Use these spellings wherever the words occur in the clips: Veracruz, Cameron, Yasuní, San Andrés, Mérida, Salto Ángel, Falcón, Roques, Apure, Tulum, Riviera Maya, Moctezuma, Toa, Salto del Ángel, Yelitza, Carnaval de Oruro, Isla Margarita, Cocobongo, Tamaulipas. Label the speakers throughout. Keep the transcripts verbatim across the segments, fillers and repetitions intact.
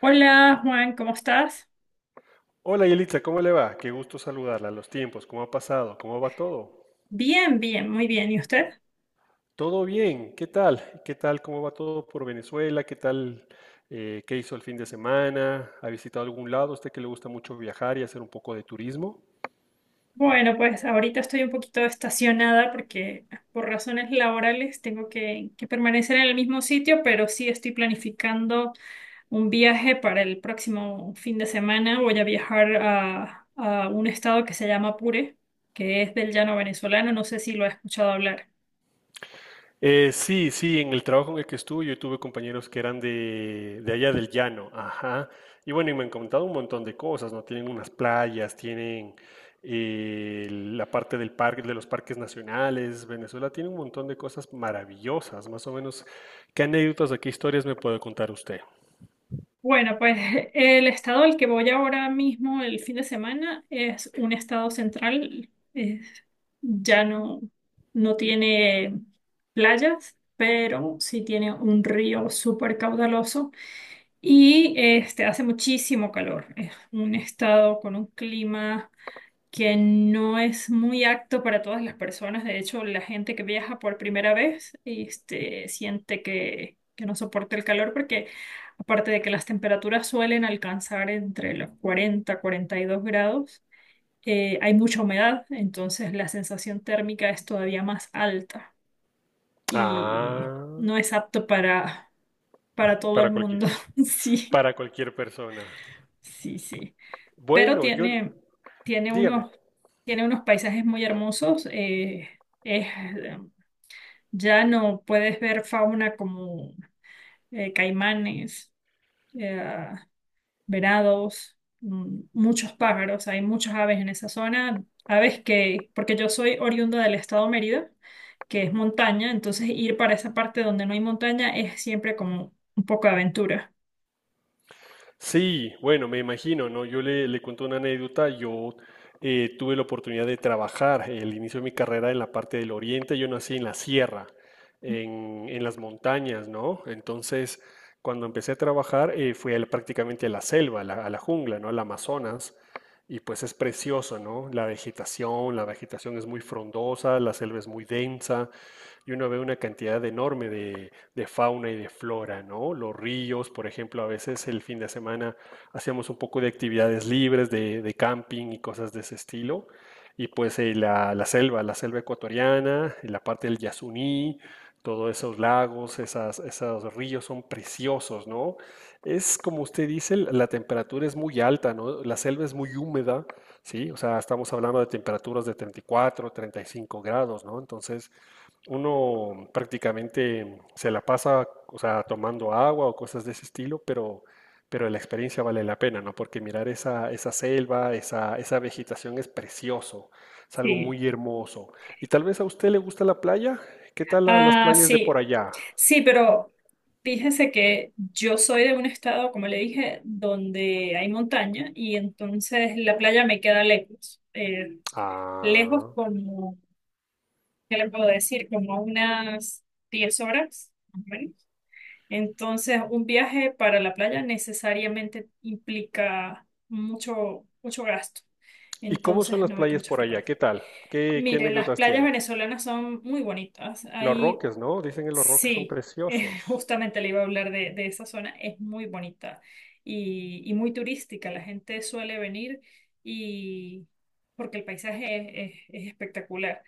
Speaker 1: Hola Juan, ¿cómo estás?
Speaker 2: Hola Yelitza, ¿cómo le va? Qué gusto saludarla. Los tiempos, ¿cómo ha pasado? ¿Cómo va todo?
Speaker 1: Bien, bien, muy bien. ¿Y usted?
Speaker 2: Todo bien, ¿qué tal? ¿Qué tal? ¿Cómo va todo por Venezuela? ¿Qué tal? Eh, ¿qué hizo el fin de semana? ¿Ha visitado algún lado? ¿A usted que le gusta mucho viajar y hacer un poco de turismo?
Speaker 1: Bueno, pues ahorita estoy un poquito estacionada porque por razones laborales tengo que, que permanecer en el mismo sitio, pero sí estoy planificando un viaje para el próximo fin de semana. Voy a viajar a, a un estado que se llama Apure, que es del llano venezolano. No sé si lo has escuchado hablar.
Speaker 2: Eh, sí, sí, en el trabajo en el que estuve yo tuve compañeros que eran de, de allá del llano, ajá. Y bueno, y me han contado un montón de cosas, ¿no? Tienen unas playas, tienen eh, la parte del parque, de los parques nacionales. Venezuela tiene un montón de cosas maravillosas, más o menos. ¿Qué anécdotas o qué historias me puede contar usted?
Speaker 1: Bueno, pues el estado al que voy ahora mismo el fin de semana es un estado central. Es ya no, no tiene playas, pero sí tiene un río súper caudaloso y este, hace muchísimo calor. Es un estado con un clima que no es muy apto para todas las personas. De hecho, la gente que viaja por primera vez, este, siente que, que no soporta el calor porque aparte de que las temperaturas suelen alcanzar entre los cuarenta, cuarenta y dos grados, eh, hay mucha humedad, entonces la sensación térmica es todavía más alta y
Speaker 2: Ah,
Speaker 1: no es apto para, para todo el
Speaker 2: para cualquier,
Speaker 1: mundo. Sí,
Speaker 2: para cualquier persona.
Speaker 1: sí, sí. Pero
Speaker 2: Bueno, yo,
Speaker 1: tiene, tiene
Speaker 2: dígame.
Speaker 1: unos Tiene unos paisajes muy hermosos. eh, es, eh, ya no puedes ver fauna como eh, caimanes, eh, venados, mm, muchos pájaros. Hay muchas aves en esa zona. Aves que, porque yo soy oriunda del estado Mérida, que es montaña, entonces ir para esa parte donde no hay montaña es siempre como un poco de aventura.
Speaker 2: Sí, bueno, me imagino, ¿no? Yo le, le cuento una anécdota. Yo eh, tuve la oportunidad de trabajar el inicio de mi carrera en la parte del oriente. Yo nací en la sierra, en, en las montañas, ¿no? Entonces, cuando empecé a trabajar, eh, fui al- prácticamente a la selva, a la, a la jungla, ¿no? Al Amazonas. Y pues es precioso, ¿no? La vegetación, la vegetación es muy frondosa, la selva es muy densa y uno ve una cantidad enorme de fauna y de flora, ¿no? Los ríos, por ejemplo, a veces el fin de semana hacíamos un poco de actividades libres, de, de camping y cosas de ese estilo. Y pues eh, la, la selva, la selva ecuatoriana, la parte del Yasuní, todos esos lagos, esas, esos ríos son preciosos, ¿no? Es como usted dice, l- la temperatura es muy alta, ¿no? La selva es muy húmeda, ¿sí? O sea, estamos hablando de temperaturas de treinta y cuatro, treinta y cinco grados, ¿no? Entonces, uno prácticamente se la pasa, o sea, tomando agua o cosas de ese estilo, pero, pero la experiencia vale la pena, ¿no? Porque mirar esa, esa selva, esa, esa vegetación es precioso, es algo
Speaker 1: Sí,
Speaker 2: muy hermoso. Y tal vez a usted le gusta la playa. ¿Qué tal la- las
Speaker 1: ah,
Speaker 2: playas de por
Speaker 1: sí,
Speaker 2: allá?
Speaker 1: sí, pero fíjese que yo soy de un estado, como le dije, donde hay montaña y entonces la playa me queda lejos. Eh, lejos
Speaker 2: Ah.
Speaker 1: como, ¿qué le puedo decir? Como unas diez horas, más o menos. Entonces, un viaje para la playa necesariamente implica mucho, mucho gasto.
Speaker 2: ¿Y cómo son
Speaker 1: Entonces,
Speaker 2: las
Speaker 1: no voy con
Speaker 2: playas
Speaker 1: mucha
Speaker 2: por allá?
Speaker 1: frecuencia.
Speaker 2: ¿Qué tal? ¿Qué, qué
Speaker 1: Mire, las
Speaker 2: anécdotas
Speaker 1: playas
Speaker 2: tiene?
Speaker 1: venezolanas son muy bonitas.
Speaker 2: Los
Speaker 1: Hay
Speaker 2: Roques, ¿no? Dicen que los Roques son
Speaker 1: Sí, eh,
Speaker 2: preciosos.
Speaker 1: justamente le iba a hablar de, de esa zona. Es muy bonita y, y muy turística. La gente suele venir y porque el paisaje es, es- es espectacular.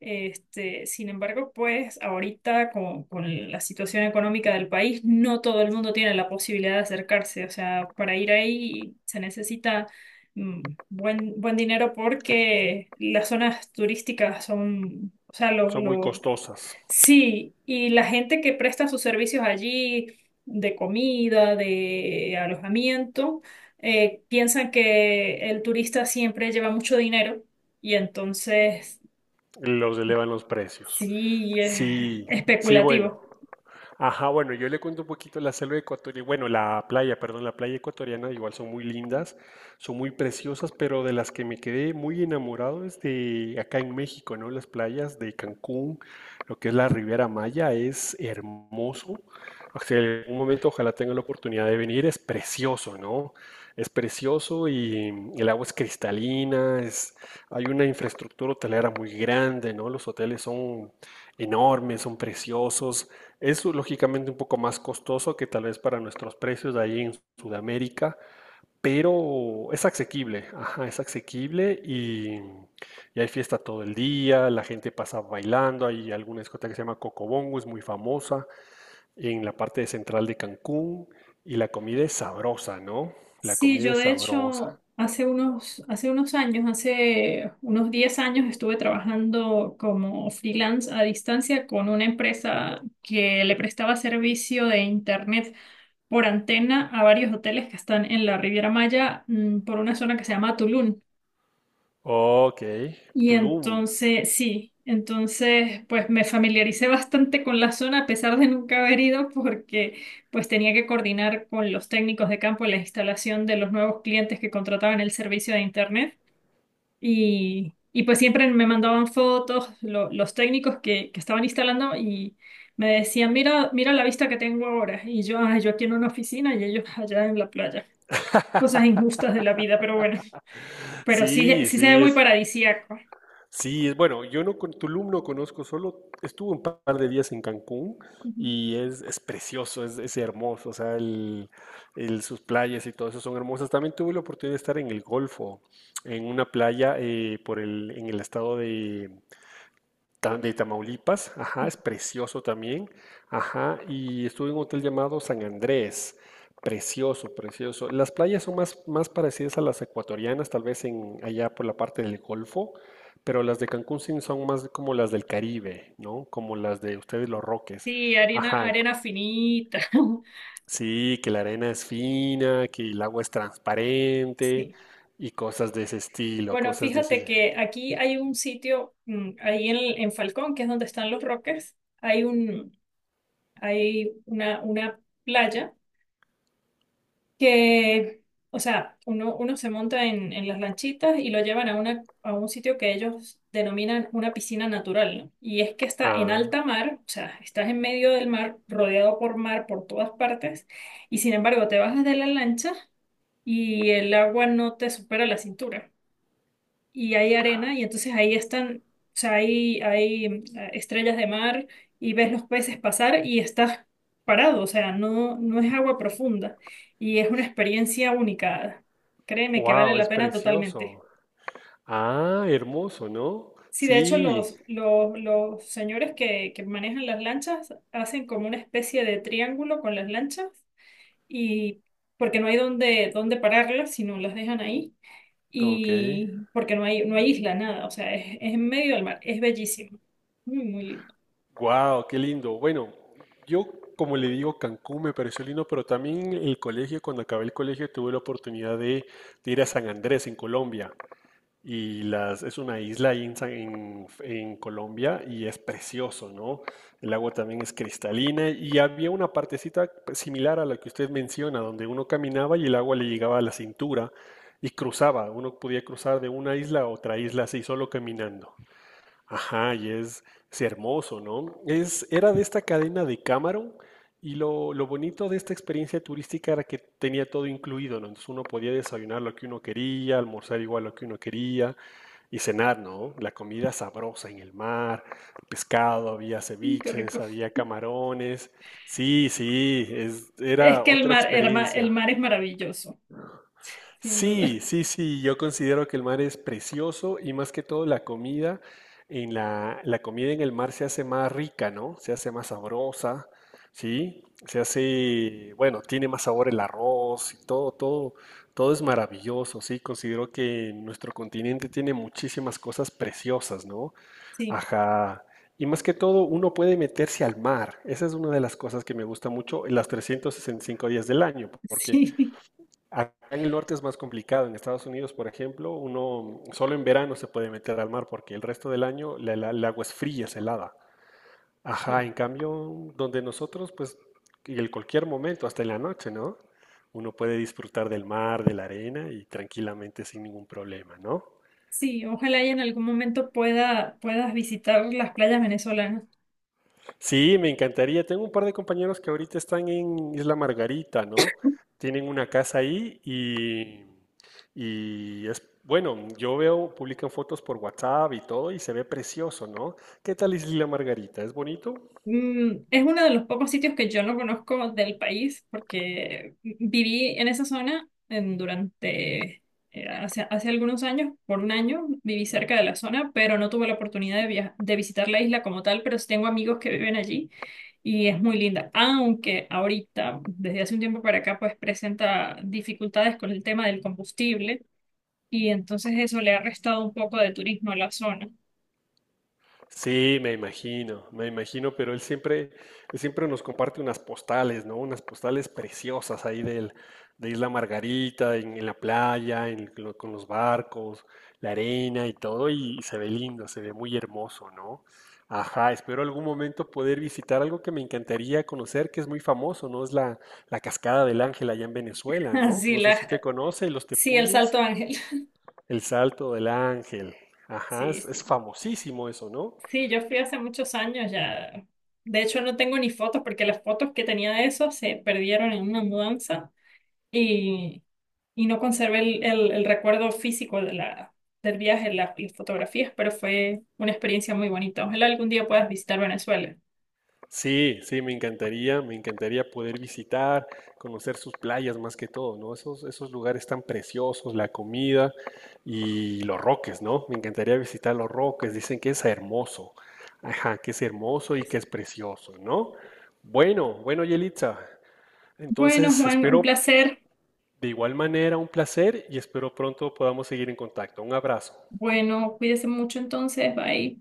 Speaker 1: Este, sin embargo, pues ahorita con, con la situación económica del país, no todo el mundo tiene la posibilidad de acercarse. O sea, para ir ahí se necesita mm, buen, buen dinero porque las zonas turísticas son, o sea, los
Speaker 2: Son muy costosas.
Speaker 1: Sí, y la gente que presta sus servicios allí, de comida, de alojamiento, eh, piensan que el turista siempre lleva mucho dinero y entonces
Speaker 2: Los elevan los precios.
Speaker 1: sí es
Speaker 2: Sí, sí, bueno.
Speaker 1: especulativo.
Speaker 2: Ajá, bueno, yo le cuento un poquito la selva ecuatoriana, bueno, la playa, perdón, la playa ecuatoriana igual son muy lindas, son muy preciosas, pero de las que me quedé muy enamorado es de acá en México, ¿no? Las playas de Cancún, lo que es la Riviera Maya, es hermoso. O sea, en algún momento ojalá tenga la oportunidad de venir, es precioso, ¿no? Es precioso y el agua es cristalina, es, hay una infraestructura hotelera muy grande, ¿no? Los hoteles son enormes, son preciosos. Es lógicamente un poco más costoso que tal vez para nuestros precios de ahí en Sudamérica, pero es asequible, ajá, es asequible y, y hay fiesta todo el día, la gente pasa bailando, hay alguna discoteca que se llama Cocobongo, es muy famosa en la parte central de Cancún y la comida es sabrosa, ¿no? La
Speaker 1: Sí,
Speaker 2: comida
Speaker 1: yo
Speaker 2: es
Speaker 1: de
Speaker 2: sabrosa.
Speaker 1: hecho hace unos, hace unos años, hace unos diez años estuve trabajando como freelance a distancia con una empresa que le prestaba servicio de internet por antena a varios hoteles que están en la Riviera Maya, mm, por una zona que se llama Tulum.
Speaker 2: Ok,
Speaker 1: Y
Speaker 2: Tulum.
Speaker 1: entonces, sí, entonces pues me familiaricé bastante con la zona a pesar de nunca haber ido porque pues tenía que coordinar con los técnicos de campo la instalación de los nuevos clientes que contrataban el servicio de internet y, y pues siempre me mandaban fotos lo- los técnicos que, que estaban instalando y me decían, "Mira, mira la vista que tengo ahora", y yo, "Ay, yo aquí en una oficina y ellos allá en la playa. Cosas injustas de la vida". Pero bueno, pero sí,
Speaker 2: Sí,
Speaker 1: sí se ve
Speaker 2: sí,
Speaker 1: muy
Speaker 2: es,
Speaker 1: paradisíaco.
Speaker 2: sí, es bueno, yo no con Tulum no conozco, solo estuve un par de días en Cancún y es, es precioso, es, es hermoso, o sea, el, el- sus playas y todo eso son hermosas. También tuve la oportunidad de estar en el Golfo, en una playa eh, por el, en el estado de, de Tamaulipas, ajá, es precioso también, ajá, y estuve en un hotel llamado San Andrés, precioso, precioso. Las playas son más, más parecidas a las ecuatorianas, tal vez en, allá por la parte del Golfo, pero las de Cancún sí son más como las del Caribe, ¿no? Como las de ustedes los Roques,
Speaker 1: Sí, arena,
Speaker 2: ajá,
Speaker 1: arena finita.
Speaker 2: sí, que la arena es fina, que el agua es transparente
Speaker 1: Sí.
Speaker 2: y cosas de ese estilo.
Speaker 1: Bueno,
Speaker 2: cosas de
Speaker 1: fíjate
Speaker 2: ese...
Speaker 1: que aquí hay un sitio, mm, ahí en, en Falcón, que es donde están los Roques. hay un, Hay una, una playa que, o sea, uno, uno se monta en, en las lanchitas y lo llevan a una, a un sitio que ellos denominan una piscina natural, ¿no? Y es que está en
Speaker 2: Ah,
Speaker 1: alta mar, o sea, estás en medio del mar, rodeado por mar por todas partes, y sin embargo te bajas de la lancha y el agua no te supera la cintura y hay arena y entonces ahí están, o sea, hay, hay mm, estrellas de mar y ves los peces pasar y estás parado, o sea, no, no es agua profunda y es una experiencia única. Créeme que vale
Speaker 2: wow,
Speaker 1: la
Speaker 2: es
Speaker 1: pena totalmente.
Speaker 2: precioso. Ah, hermoso, ¿no?
Speaker 1: Sí, de hecho
Speaker 2: Sí,
Speaker 1: los, los, los señores que, que manejan las lanchas hacen como una especie de triángulo con las lanchas, y porque no hay donde, donde pararlas, sino las dejan ahí,
Speaker 2: ok.
Speaker 1: y porque no hay, no hay isla, nada. O sea, es, es en medio del mar, es bellísimo, muy, muy lindo.
Speaker 2: Wow, qué lindo. Bueno, yo como le digo, Cancún me pareció lindo, pero también el colegio, cuando acabé el colegio, tuve la oportunidad de, de ir a San Andrés, en Colombia. Y las, es una isla ahí en, San- en- en Colombia y es precioso, ¿no? El agua también es cristalina y había una partecita similar a la que usted menciona, donde uno caminaba y el agua le llegaba a la cintura y cruzaba. Uno podía cruzar de una isla a otra isla así, solo caminando. Ajá, y es, es hermoso, ¿no? Es, era de esta cadena de Cameron y lo, lo bonito de esta experiencia turística era que tenía todo incluido, ¿no? Entonces uno podía desayunar lo que uno quería, almorzar igual lo que uno quería y cenar, ¿no? La comida sabrosa en el mar, pescado, había
Speaker 1: Mm, qué
Speaker 2: ceviches,
Speaker 1: rico.
Speaker 2: había camarones. Sí, sí, es-
Speaker 1: Es
Speaker 2: era
Speaker 1: que el
Speaker 2: otra
Speaker 1: mar, el mar, el
Speaker 2: experiencia.
Speaker 1: mar es maravilloso, sin duda.
Speaker 2: Sí, sí, sí, yo considero que el mar es precioso y más que todo la comida en la, la comida en el mar se hace más rica, ¿no? Se hace más sabrosa, ¿sí? Se hace, bueno, tiene más sabor el arroz y todo, todo, todo es maravilloso, ¿sí? Considero que nuestro continente tiene muchísimas cosas preciosas, ¿no?
Speaker 1: Sí,
Speaker 2: Ajá. Y más que todo, uno puede meterse al mar. Esa es una de las cosas que me gusta mucho en las trescientos sesenta y cinco días del año, porque
Speaker 1: sí,
Speaker 2: acá en el norte es más complicado. En Estados Unidos, por ejemplo, uno solo en verano se puede meter al mar porque el resto del año la- la- el agua es fría, es helada. Ajá, en cambio, donde nosotros, pues, en cualquier momento, hasta en la noche, ¿no? Uno puede disfrutar del mar, de la arena y tranquilamente sin ningún problema, ¿no?
Speaker 1: sí, ojalá y en algún momento pueda, puedas visitar las playas venezolanas.
Speaker 2: Sí, me encantaría. Tengo un par de compañeros que ahorita están en Isla Margarita, ¿no? Tienen una casa ahí y, y es, bueno, yo veo, publican fotos por WhatsApp y todo y se ve precioso, ¿no? ¿Qué tal Isla Margarita? ¿Es bonito?
Speaker 1: Mm, es uno de los pocos sitios que yo no conozco del país, porque viví en esa zona en- durante, eh, hace, hace algunos años, por un año, viví cerca de la zona, pero no tuve la oportunidad de, via- de visitar la isla como tal, pero sí tengo amigos que viven allí y es muy linda, aunque ahorita, desde hace un tiempo para acá, pues presenta dificultades con el tema del combustible y entonces eso le ha restado un poco de turismo a la zona.
Speaker 2: Sí, me imagino, me imagino, pero él siempre, él siempre nos comparte unas postales, ¿no? Unas postales preciosas ahí del, de Isla Margarita, en, en la playa, en lo- con los barcos, la arena y todo, y se ve lindo, se ve muy hermoso, ¿no? Ajá, espero algún momento poder visitar algo que me encantaría conocer, que es muy famoso, ¿no? Es la, la Cascada del Ángel allá en Venezuela, ¿no?
Speaker 1: Así
Speaker 2: No sé
Speaker 1: la,
Speaker 2: si usted conoce los
Speaker 1: sí, el
Speaker 2: tepuyes,
Speaker 1: Salto Ángel.
Speaker 2: el Salto del Ángel. Ajá,
Speaker 1: Sí,
Speaker 2: es es
Speaker 1: sí.
Speaker 2: famosísimo eso, ¿no?
Speaker 1: Sí, yo fui hace muchos años ya. De hecho, no tengo ni fotos, porque las fotos que tenía de eso se perdieron en una mudanza y, y no conservé el, el- el recuerdo físico de la, del viaje, la- las fotografías, pero fue una experiencia muy bonita. Ojalá algún día puedas visitar Venezuela.
Speaker 2: Sí, sí, me encantaría, me encantaría poder visitar, conocer sus playas más que todo, ¿no? Esos, esos lugares tan preciosos, la comida y los roques, ¿no? Me encantaría visitar los roques, dicen que es hermoso, ajá, que es hermoso y
Speaker 1: Pues,
Speaker 2: que es precioso, ¿no? Bueno, bueno, Yelitza,
Speaker 1: Bueno,
Speaker 2: entonces
Speaker 1: Juan, un
Speaker 2: espero
Speaker 1: placer.
Speaker 2: de igual manera un placer y espero pronto podamos seguir en contacto. Un abrazo.
Speaker 1: Bueno, cuídese mucho entonces. Bye.